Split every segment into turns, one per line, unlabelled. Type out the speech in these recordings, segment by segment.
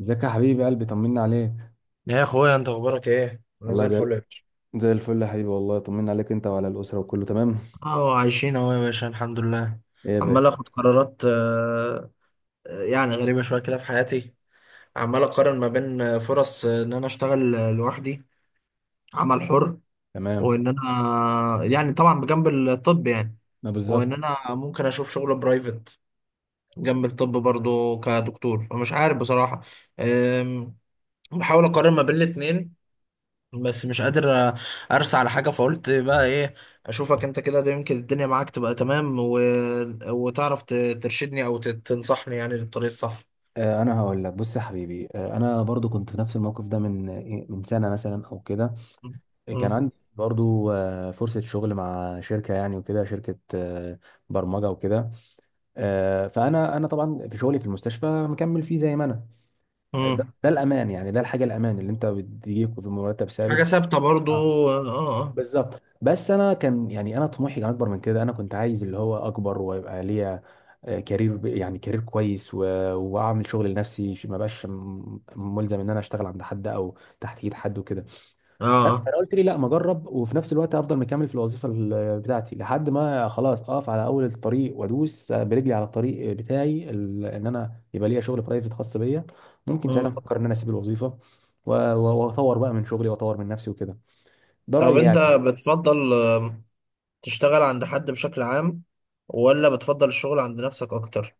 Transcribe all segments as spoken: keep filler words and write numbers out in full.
ازيك يا حبيبي، قلبي طمنا عليك.
يا اخويا انت اخبارك ايه؟ انا
والله
زي
زي
الفل يا باشا.
زي الفل يا حبيبي، والله طمنا عليك انت وعلى الاسره، وكله تمام.
اه، عايشين اهو يا باشا، الحمد لله.
ايه يا
عمال
باشا؟
اخد قرارات، آه، آه، يعني غريبة شوية كده في حياتي. عمال اقارن ما بين آه، فرص آه، ان انا اشتغل آه، لوحدي، عمل حر،
تمام.
وان انا آه، يعني طبعا بجنب الطب يعني.
ما
وان
بالظبط.
انا ممكن اشوف شغل برايفت جنب الطب برضو كدكتور، فمش عارف بصراحة. آم، بحاول اقارن ما بين الاتنين، بس مش قادر آه، ارسى على حاجه. فقلت بقى ايه، اشوفك انت كده، ده يمكن الدنيا معاك تبقى تمام و... وتعرف ت- ترشدني او ت- تنصحني يعني للطريق الصح.
آه انا هقول لك، بص يا حبيبي، آه انا برضو كنت في نفس الموقف ده من آه، من سنه مثلا او كده. آه، كان
مم.
عندي برضو آه فرصه شغل مع شركه، يعني وكده، شركه آه برمجه وكده. آه فانا انا طبعا في شغلي في المستشفى مكمل فيه زي ما انا. آه، ده,
مم.
ده الامان، يعني ده الحاجه الامان اللي انت بتجيك في مرتب ثابت.
حاجه ثابته برضو. اه.
بالظبط، بس انا كان يعني انا طموحي كان اكبر من كده، انا كنت عايز اللي هو اكبر ويبقى ليا آه، كارير، ب- يعني كارير كويس، و... واعمل شغل لنفسي، ما بقاش م- ملزم ان انا اشتغل عند حد او تحت ايد حد وكده.
اه. اه.
فانا قلت لي لا، ما اجرب، وفي نفس الوقت افضل مكمل في الوظيفه ال- بتاعتي لحد ما خلاص اقف على اول الطريق وادوس آه، برجلي على الطريق بتاعي ال- ان انا يبقى ليا شغل برايفت خاص بيا. ممكن ساعتها
مم.
افكر ان انا اسيب الوظيفه و- و- واطور بقى من شغلي واطور من نفسي وكده. ده
طب
رايي
انت
يعني.
بتفضل آه، تشتغل عند حد بشكل عام، ولا بتفضل الشغل عند نفسك اكتر؟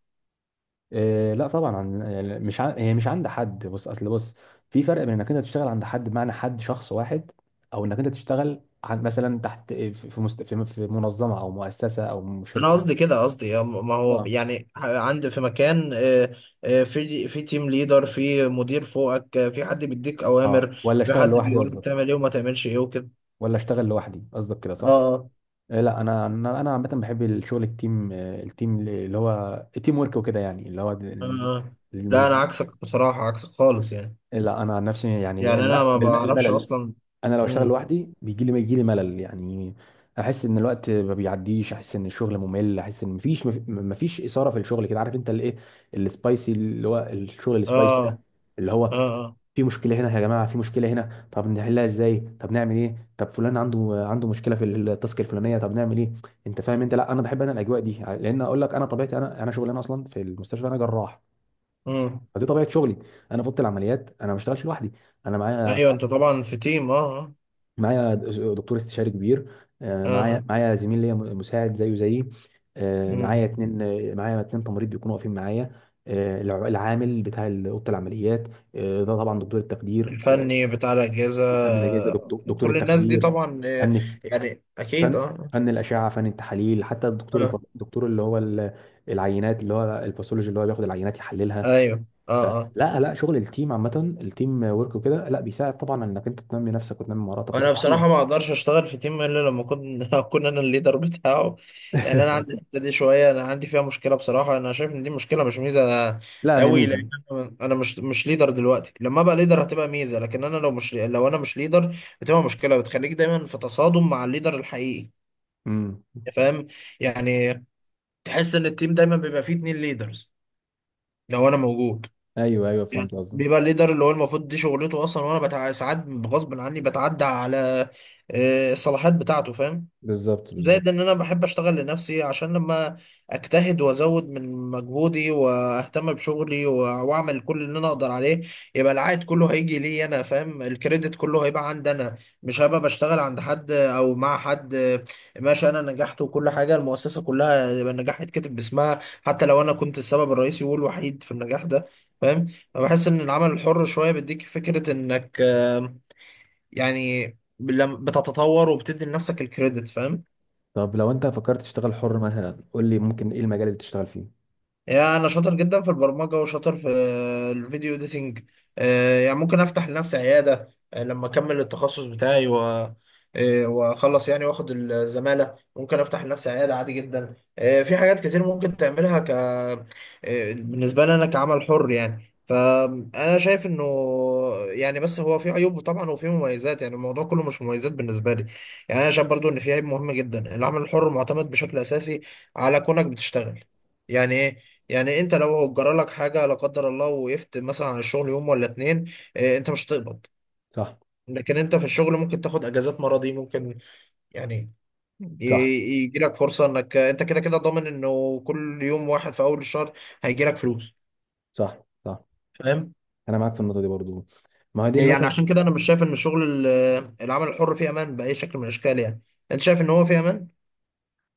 إيه لا طبعا، عن يعني مش عن، هي مش عند حد، بص اصل بص، في فرق بين انك انت تشتغل عند حد بمعنى حد شخص واحد، او انك انت تشتغل عن مثلا تحت في في مست، في في منظمه او مؤسسه او
انا
شركه.
قصدي كده، قصدي آه، ما هو
اه،
يعني عندي في مكان، آه، آه، في في تيم ليدر، في مدير فوقك، آه، في حد بيديك
اه،
اوامر،
ولا
في
اشتغل
حد
لوحدي
بيقول لك
قصدك،
تعمل ايه وما تعملش ايه وكده.
ولا اشتغل لوحدي قصدك كده، صح؟
اه.
إيه لا، انا انا انا عامه بحب الشغل التيم، آه، التيم اللي هو التيم ورك وكده، يعني اللي هو د-
آه. آه.
اللي
لا،
مش،
انا عكسك بصراحة، عكسك خالص يعني.
لا انا عن نفسي يعني
يعني
الم...
انا ما
بالم...
بعرفش
الملل.
اصلا.
انا لو اشتغل
مم.
لوحدي بيجي لي يجي لي ملل يعني. احس ان الوقت ما بيعديش، احس ان الشغل ممل، احس ان مفيش مفيش اثاره في الشغل، كده عارف انت الايه، السبايسي اللي هو الشغل السبايسي ده،
اه.
اللي
اه.
هو،
اه.
في مشكله هنا يا جماعه، في مشكله هنا، طب نحلها ازاي؟ طب نعمل ايه؟ طب فلان عنده عنده مشكله في التاسك الفلانيه، طب نعمل ايه؟ انت فاهم؟ انت، لا انا بحب انا الاجواء دي، لان اقول لك انا طبيعتي، انا انا شغلانه اصلا في المستشفى، انا جراح.
مم.
فدي طبيعه شغلي. انا في اوضه العمليات انا ما بشتغلش لوحدي. انا معايا،
ايوه، انت طبعا في تيم، اه.
معايا دكتور استشاري كبير. آه،
اه. آه.
معايا
آه.
معايا زميل ليا مساعد زيه زيي. آه، معايا
مم.
اتنين آه، معايا اتنين تمريض بيكونوا واقفين معايا. آه، الع- العامل بتاع ال- اوضه العمليات. آه، ده طبعا دكتور التخدير. آه،
الفني بتاع الاجهزة.
الفن الاجهزه
آه،
دك- دك- دكتور
كل الناس دي
التخدير.
طبعا، آه،
فن
يعني اكيد.
فن
اه.
فن الاشعه، فن التحاليل، حتى الدكتور
آه.
الب- الدكتور اللي هو ال- العينات، اللي هو الباثولوجي اللي هو بياخد العينات يحللها.
ايوه. اه. اه.
فلا، لا شغل التيم عامه، التيم ورك وكده، لا بيساعد طبعا انك انت تنمي نفسك وتنمي مهاراتك
انا
وتتعلم.
بصراحه ما اقدرش اشتغل في تيم الا لما اكون اكون انا الليدر بتاعه. يعني انا عندي الحته دي شويه، انا عندي فيها مشكله بصراحه. انا شايف ان دي مشكله مش ميزه
لا، هي
قوي، لان
ميزه.
انا أنا مش مش ليدر دلوقتي. لما ابقى ليدر هتبقى ميزه، لكن انا لو مش لو انا مش ليدر بتبقى مشكله، بتخليك دايما في تصادم مع الليدر الحقيقي،
امم.
فاهم؟ يعني تحس ان التيم دايما بيبقى فيه اتنين ليدرز لو انا موجود.
ايوه، ايوه،
يعني
فهمت قصدك.
بيبقى الليدر اللي هو المفروض دي شغلته اصلا، وانا بتع... ساعات غصب عني بتعدى على آه، الصلاحيات بتاعته، فاهم؟
بالظبط، بالظبط.
زائد ان انا بحب اشتغل لنفسي، عشان لما اجتهد وازود من مجهودي واهتم بشغلي و- واعمل كل اللي انا اقدر عليه، يبقى العائد كله هيجي لي انا، فاهم؟ الكريدت كله هيبقى عندي انا، مش هبقى بشتغل عند حد او مع حد. ماشي انا نجحت وكل حاجه، المؤسسه كلها يبقى النجاح يتكتب باسمها، حتى لو انا كنت السبب الرئيسي والوحيد في النجاح ده، فاهم؟ فبحس ان العمل الحر شويه بيديك فكره انك آه، يعني لم- بتتطور وبتدي لنفسك الكريدت، فاهم؟
طب لو انت فكرت تشتغل حر مثلا، قول لي ممكن ايه المجال اللي تشتغل فيه؟
يعني انا شاطر جدا في البرمجه، وشاطر في آه، الفيديو اديتنج. يعني ممكن افتح لنفسي عياده آه، لما اكمل التخصص بتاعي و آه، واخلص يعني واخد الزماله. ممكن افتح لنفسي عياده عادي جدا. آه، في حاجات كتير ممكن تعملها ك آه، بالنسبه لي انا كعمل حر يعني. فانا شايف انه يعني بس هو في عيوب طبعا وفي مميزات، يعني الموضوع كله مش مميزات بالنسبه لي. يعني انا شايف برضو ان في عيب مهم جدا. العمل الحر معتمد بشكل اساسي على كونك بتشتغل. يعني ايه؟ يعني انت لو جرى لك حاجه لا قدر الله، وقفت مثلا عن الشغل يوم ولا اتنين، اه، انت مش هتقبض.
صح.
لكن انت في الشغل ممكن تاخد اجازات مرضي، ممكن يعني
مم. صح.
يجي لك فرصه انك انت كده كده ضامن انه كل يوم واحد في اول الشهر هيجي لك فلوس،
صح. صح.
فاهم؟
انا معاك في النقطه دي برضو. ما هي دي
يعني
النقطه.
عشان كده انا مش شايف ان الشغل ال- العمل الحر فيه امان باي شكل من الاشكال يعني. انت شايف ان هو فيه امان؟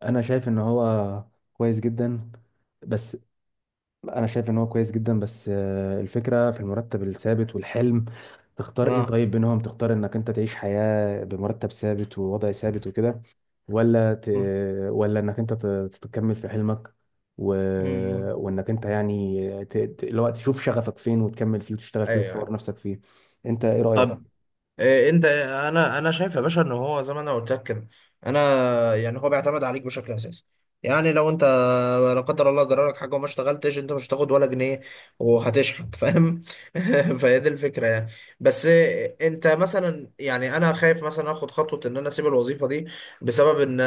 انا شايف ان هو كويس جدا، بس، لا، انا شايف ان هو كويس جدا، بس آه، الفكره في المرتب الثابت والحلم. تختار ايه
اه.
طيب بينهم؟ تختار انك انت تعيش حياه بمرتب ثابت ووضع ثابت وكده، ولا ت...
م-
ولا انك انت ت- تتكمل في حلمك، و...
م- م.
وانك انت يعني ت... ت... لو تشوف شغفك فين وتكمل فيه وتشتغل فيه
ايوه. أيوة.
وتطور نفسك فيه. انت ايه رايك؟
طب، إيه؟ انت، انا، انا شايف يا باشا ان هو زي ما انا قلت لك كده. انا يعني هو بيعتمد عليك بشكل اساسي. يعني لو انت لا قدر الله جرى لك حاجه وما اشتغلتش، انت مش هتاخد ولا جنيه وهتشحت، فاهم؟ فهي دي الفكره يعني. بس انت مثلا، يعني انا خايف مثلا اخد خطوه ان انا اسيب الوظيفه دي، بسبب ان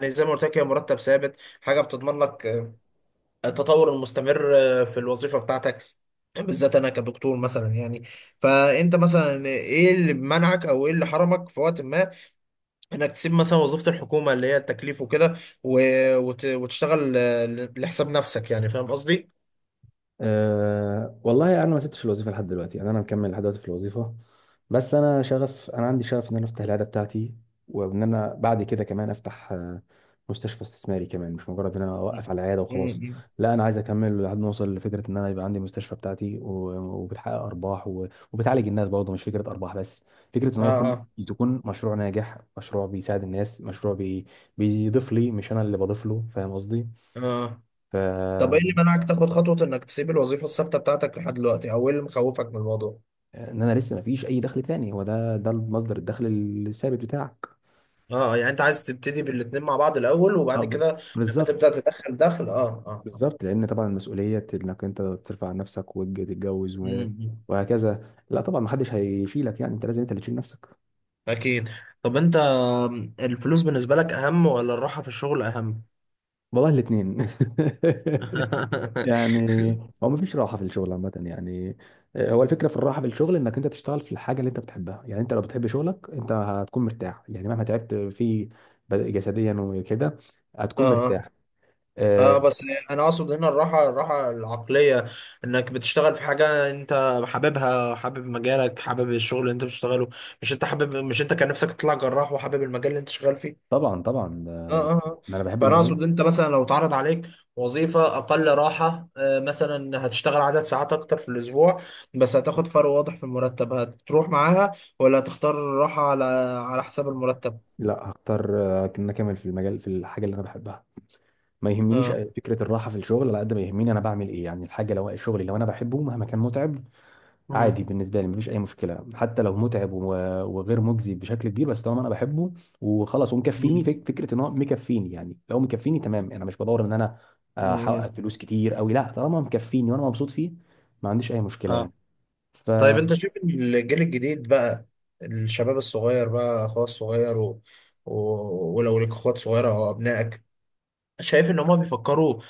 يعني زي ما قلت لك، هي مرتب ثابت، حاجه بتضمن لك التطور المستمر في الوظيفة بتاعتك، بالذات انا كدكتور مثلا يعني. فانت مثلا ايه اللي منعك او ايه اللي حرمك في وقت ما انك تسيب مثلا وظيفة الحكومة اللي هي التكليف وكده، و- وت- وتشتغل ل- لحساب نفسك؟ يعني فاهم قصدي؟
أه والله، انا ما سبتش الوظيفه لحد دلوقتي، يعني انا مكمل لحد دلوقتي في الوظيفه. بس انا شغف، انا عندي شغف ان انا افتح العياده بتاعتي، وان انا بعد كده كمان افتح آه، مستشفى استثماري كمان، مش مجرد ان انا اوقف
مم.
على العياده وخلاص.
مم.
لا، انا عايز اكمل لحد ما اوصل لفكره ان انا يبقى عندي مستشفى بتاعتي، و- وبتحقق ارباح، و- وبتعالج الناس برضه، مش فكره ارباح بس، فكره ان
اه.
هو يكون،
اه.
تكون مشروع ناجح، مشروع بيساعد الناس، مشروع بي... بيضيف لي، مش انا اللي بضيف له، فاهم قصدي؟
اه.
ف
طب ايه اللي منعك تاخد خطوة انك تسيب الوظيفة الثابتة بتاعتك لحد دلوقتي، او ايه اللي مخوفك من الموضوع؟
ان انا لسه ما فيش اي دخل تاني، هو ده ده مصدر الدخل الثابت بتاعك.
اه، يعني انت عايز تبتدي بالاتنين مع بعض الاول
اه،
وبعد
ب-
كده لما
بالظبط.
تبدأ تدخل دخل، اه. اه. آه.
بالظبط لان طبعا المسؤوليه انك انت ترفع عن نفسك وتتجوز، و...
مم.
وهكذا، لا طبعا ما حدش هيشيلك يعني، انت لازم انت اللي تشيل نفسك.
أكيد. طب أنت، الفلوس بالنسبة لك أهم ولا الراحة في الشغل أهم؟
والله الاثنين. يعني، هو ما فيش راحه في الشغل عامه يعني. آه، هو الفكره في الراحه في الشغل انك انت تشتغل في الحاجه اللي انت بتحبها، يعني انت لو بتحب شغلك انت هتكون مرتاح يعني مهما تعبت فيه جسديا وكده، هتكون
اه.
مرتاح. آه،
اه بس انا اقصد هنا الراحه، الراحه العقليه، انك بتشتغل في حاجه انت حاببها، حابب مجالك، حابب الشغل اللي انت بتشتغله. مش انت حابب، مش انت كان نفسك تطلع جراح وحابب المجال اللي انت شغال.
طبعا، طبعا، آه،
اه. اه. آه.
ان انا بحب
فانا
المجال.
اقصد انت مثلا لو اتعرض عليك وظيفه اقل راحه، آه، مثلا هتشتغل عدد ساعات اكتر في الاسبوع، بس هتاخد فرق واضح في المرتب، هتروح معاها ولا هتختار الراحه على على حساب المرتب؟
لا هختار آه، ان أنا اكمل في المجال في الحاجه اللي انا بحبها. ما يهمنيش
اه.
فكره الراحه في الشغل على قد ما يهمني انا بعمل ايه، يعني الحاجه لو الشغل لو انا بحبه مهما كان متعب،
مم.
عادي بالنسبه لي، مفيش اي مشكله حتى لو متعب و- وغير مجزي بشكل كبير، بس طالما انا بحبه وخلاص ومكفيني،
مم.
فك- فكره ان هو مكفيني يعني، لو مكفيني تمام انا مش بدور ان انا آه، احقق
مم.
فلوس كتير قوي، لا طالما مكفيني وانا مبسوط فيه، ما عنديش اي مشكله
اه.
يعني. ف
طيب انت شايف ان الجيل الجديد بقى، الشباب الصغير بقى، اخويا الصغير و... و... ولو ليك اخوات صغيره او ابنائك، شايف ان هما بيفكروا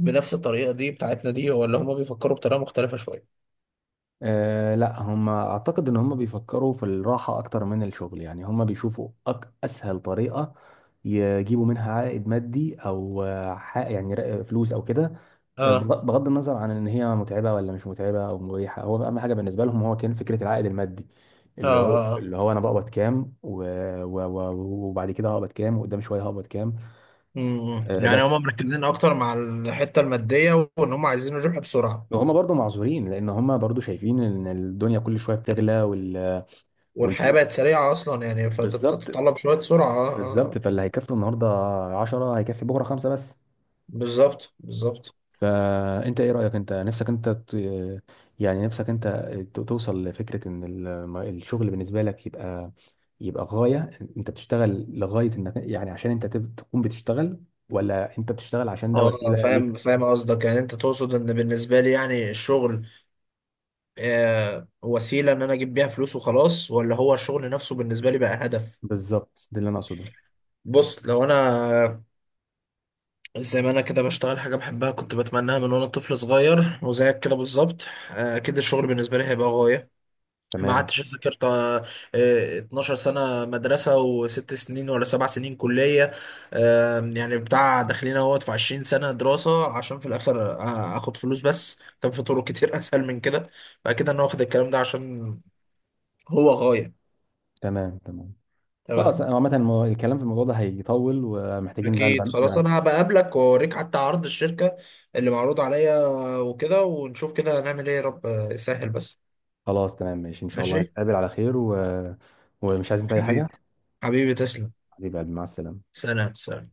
بنفس الطريقه دي بتاعتنا دي، ولا هما بيفكروا بطريقه مختلفه شويه؟
أه لا، هم اعتقد ان هم بيفكروا في الراحة اكتر من الشغل، يعني هم بيشوفوا أك اسهل طريقة يجيبوا منها عائد مادي، او آه، ح- يعني ر- فلوس او كده. آه،
اه.
بغ- بغض النظر عن ان هي متعبة ولا مش متعبة او مريحة، هو اهم حاجة بالنسبة لهم هو كان فكرة العائد المادي،
اه.
اللي هو
اه.
اللي هو انا بقبض كام، و... و... و... وبعد كده هقبض كام، وقدام شوية هقبض كام.
امم.
أه
يعني هم
بس،
مركزين اكتر مع الحته الماديه، وان هم عايزين الربح بسرعه،
وهم برضو معذورين لان هم برضو شايفين ان الدنيا كل شوية بتغلى وال...
والحياه
والفلوس.
بقت سريعه اصلا يعني، فانت
بالظبط،
بتتطلب شويه سرعه. اه.
بالظبط،
اه.
فاللي هيكفي النهارده عشرة هيكفي بكره خمسة بس.
بالظبط، بالظبط.
فانت ايه رأيك؟ انت نفسك انت ت- يعني نفسك انت ت- توصل لفكرة ان الم- الشغل بالنسبة لك يبقى، يبقى غاية. انت بتشتغل لغاية انك، يعني عشان انت تب- تكون بتشتغل، ولا انت بتشتغل عشان ده
اه،
وسيلة
فاهم،
ليك؟
فاهم قصدك. يعني انت تقصد ان بالنسبه لي يعني الشغل آه وسيله ان انا اجيب بيها فلوس وخلاص، ولا هو الشغل نفسه بالنسبه لي بقى هدف؟
بالظبط، ده اللي انا اقصده.
بص، لو انا زي ما انا كده بشتغل حاجه بحبها، كنت بتمناها من وانا طفل صغير، وزيك كده بالظبط، آه، اكيد الشغل بالنسبه لي هيبقى غايه. ما
تمام،
عدتش ذاكرت آه، 12 سنة مدرسة وست سنين ولا سبع سنين كلية، آم، يعني بتاع داخلين اهوت في عشرين سنة دراسة عشان في الآخر آ- آخد فلوس. بس كان في طرق كتير أسهل من كده. فأكيد أنا واخد الكلام ده عشان هو غاية.
تمام. تمام. خلاص،
تمام.
أنا عامة المو- الكلام في الموضوع ده هيطول ومحتاجين بقى نبقى-
أكيد، خلاص. أنا
نبقى-
هبقابلك وأوريك حتى عرض الشركة اللي معروض عليا وكده، ونشوف كده هنعمل إيه. يا رب آه، يسهل بس.
خلاص، تمام، ماشي، ان شاء الله
ماشي.
نتقابل على خير، و... ومش عايزين أنت اي
حبيبي،
حاجة.
حبيبي، تسلم.
حبيب قلبي، مع السلامة.
سلام، سلام.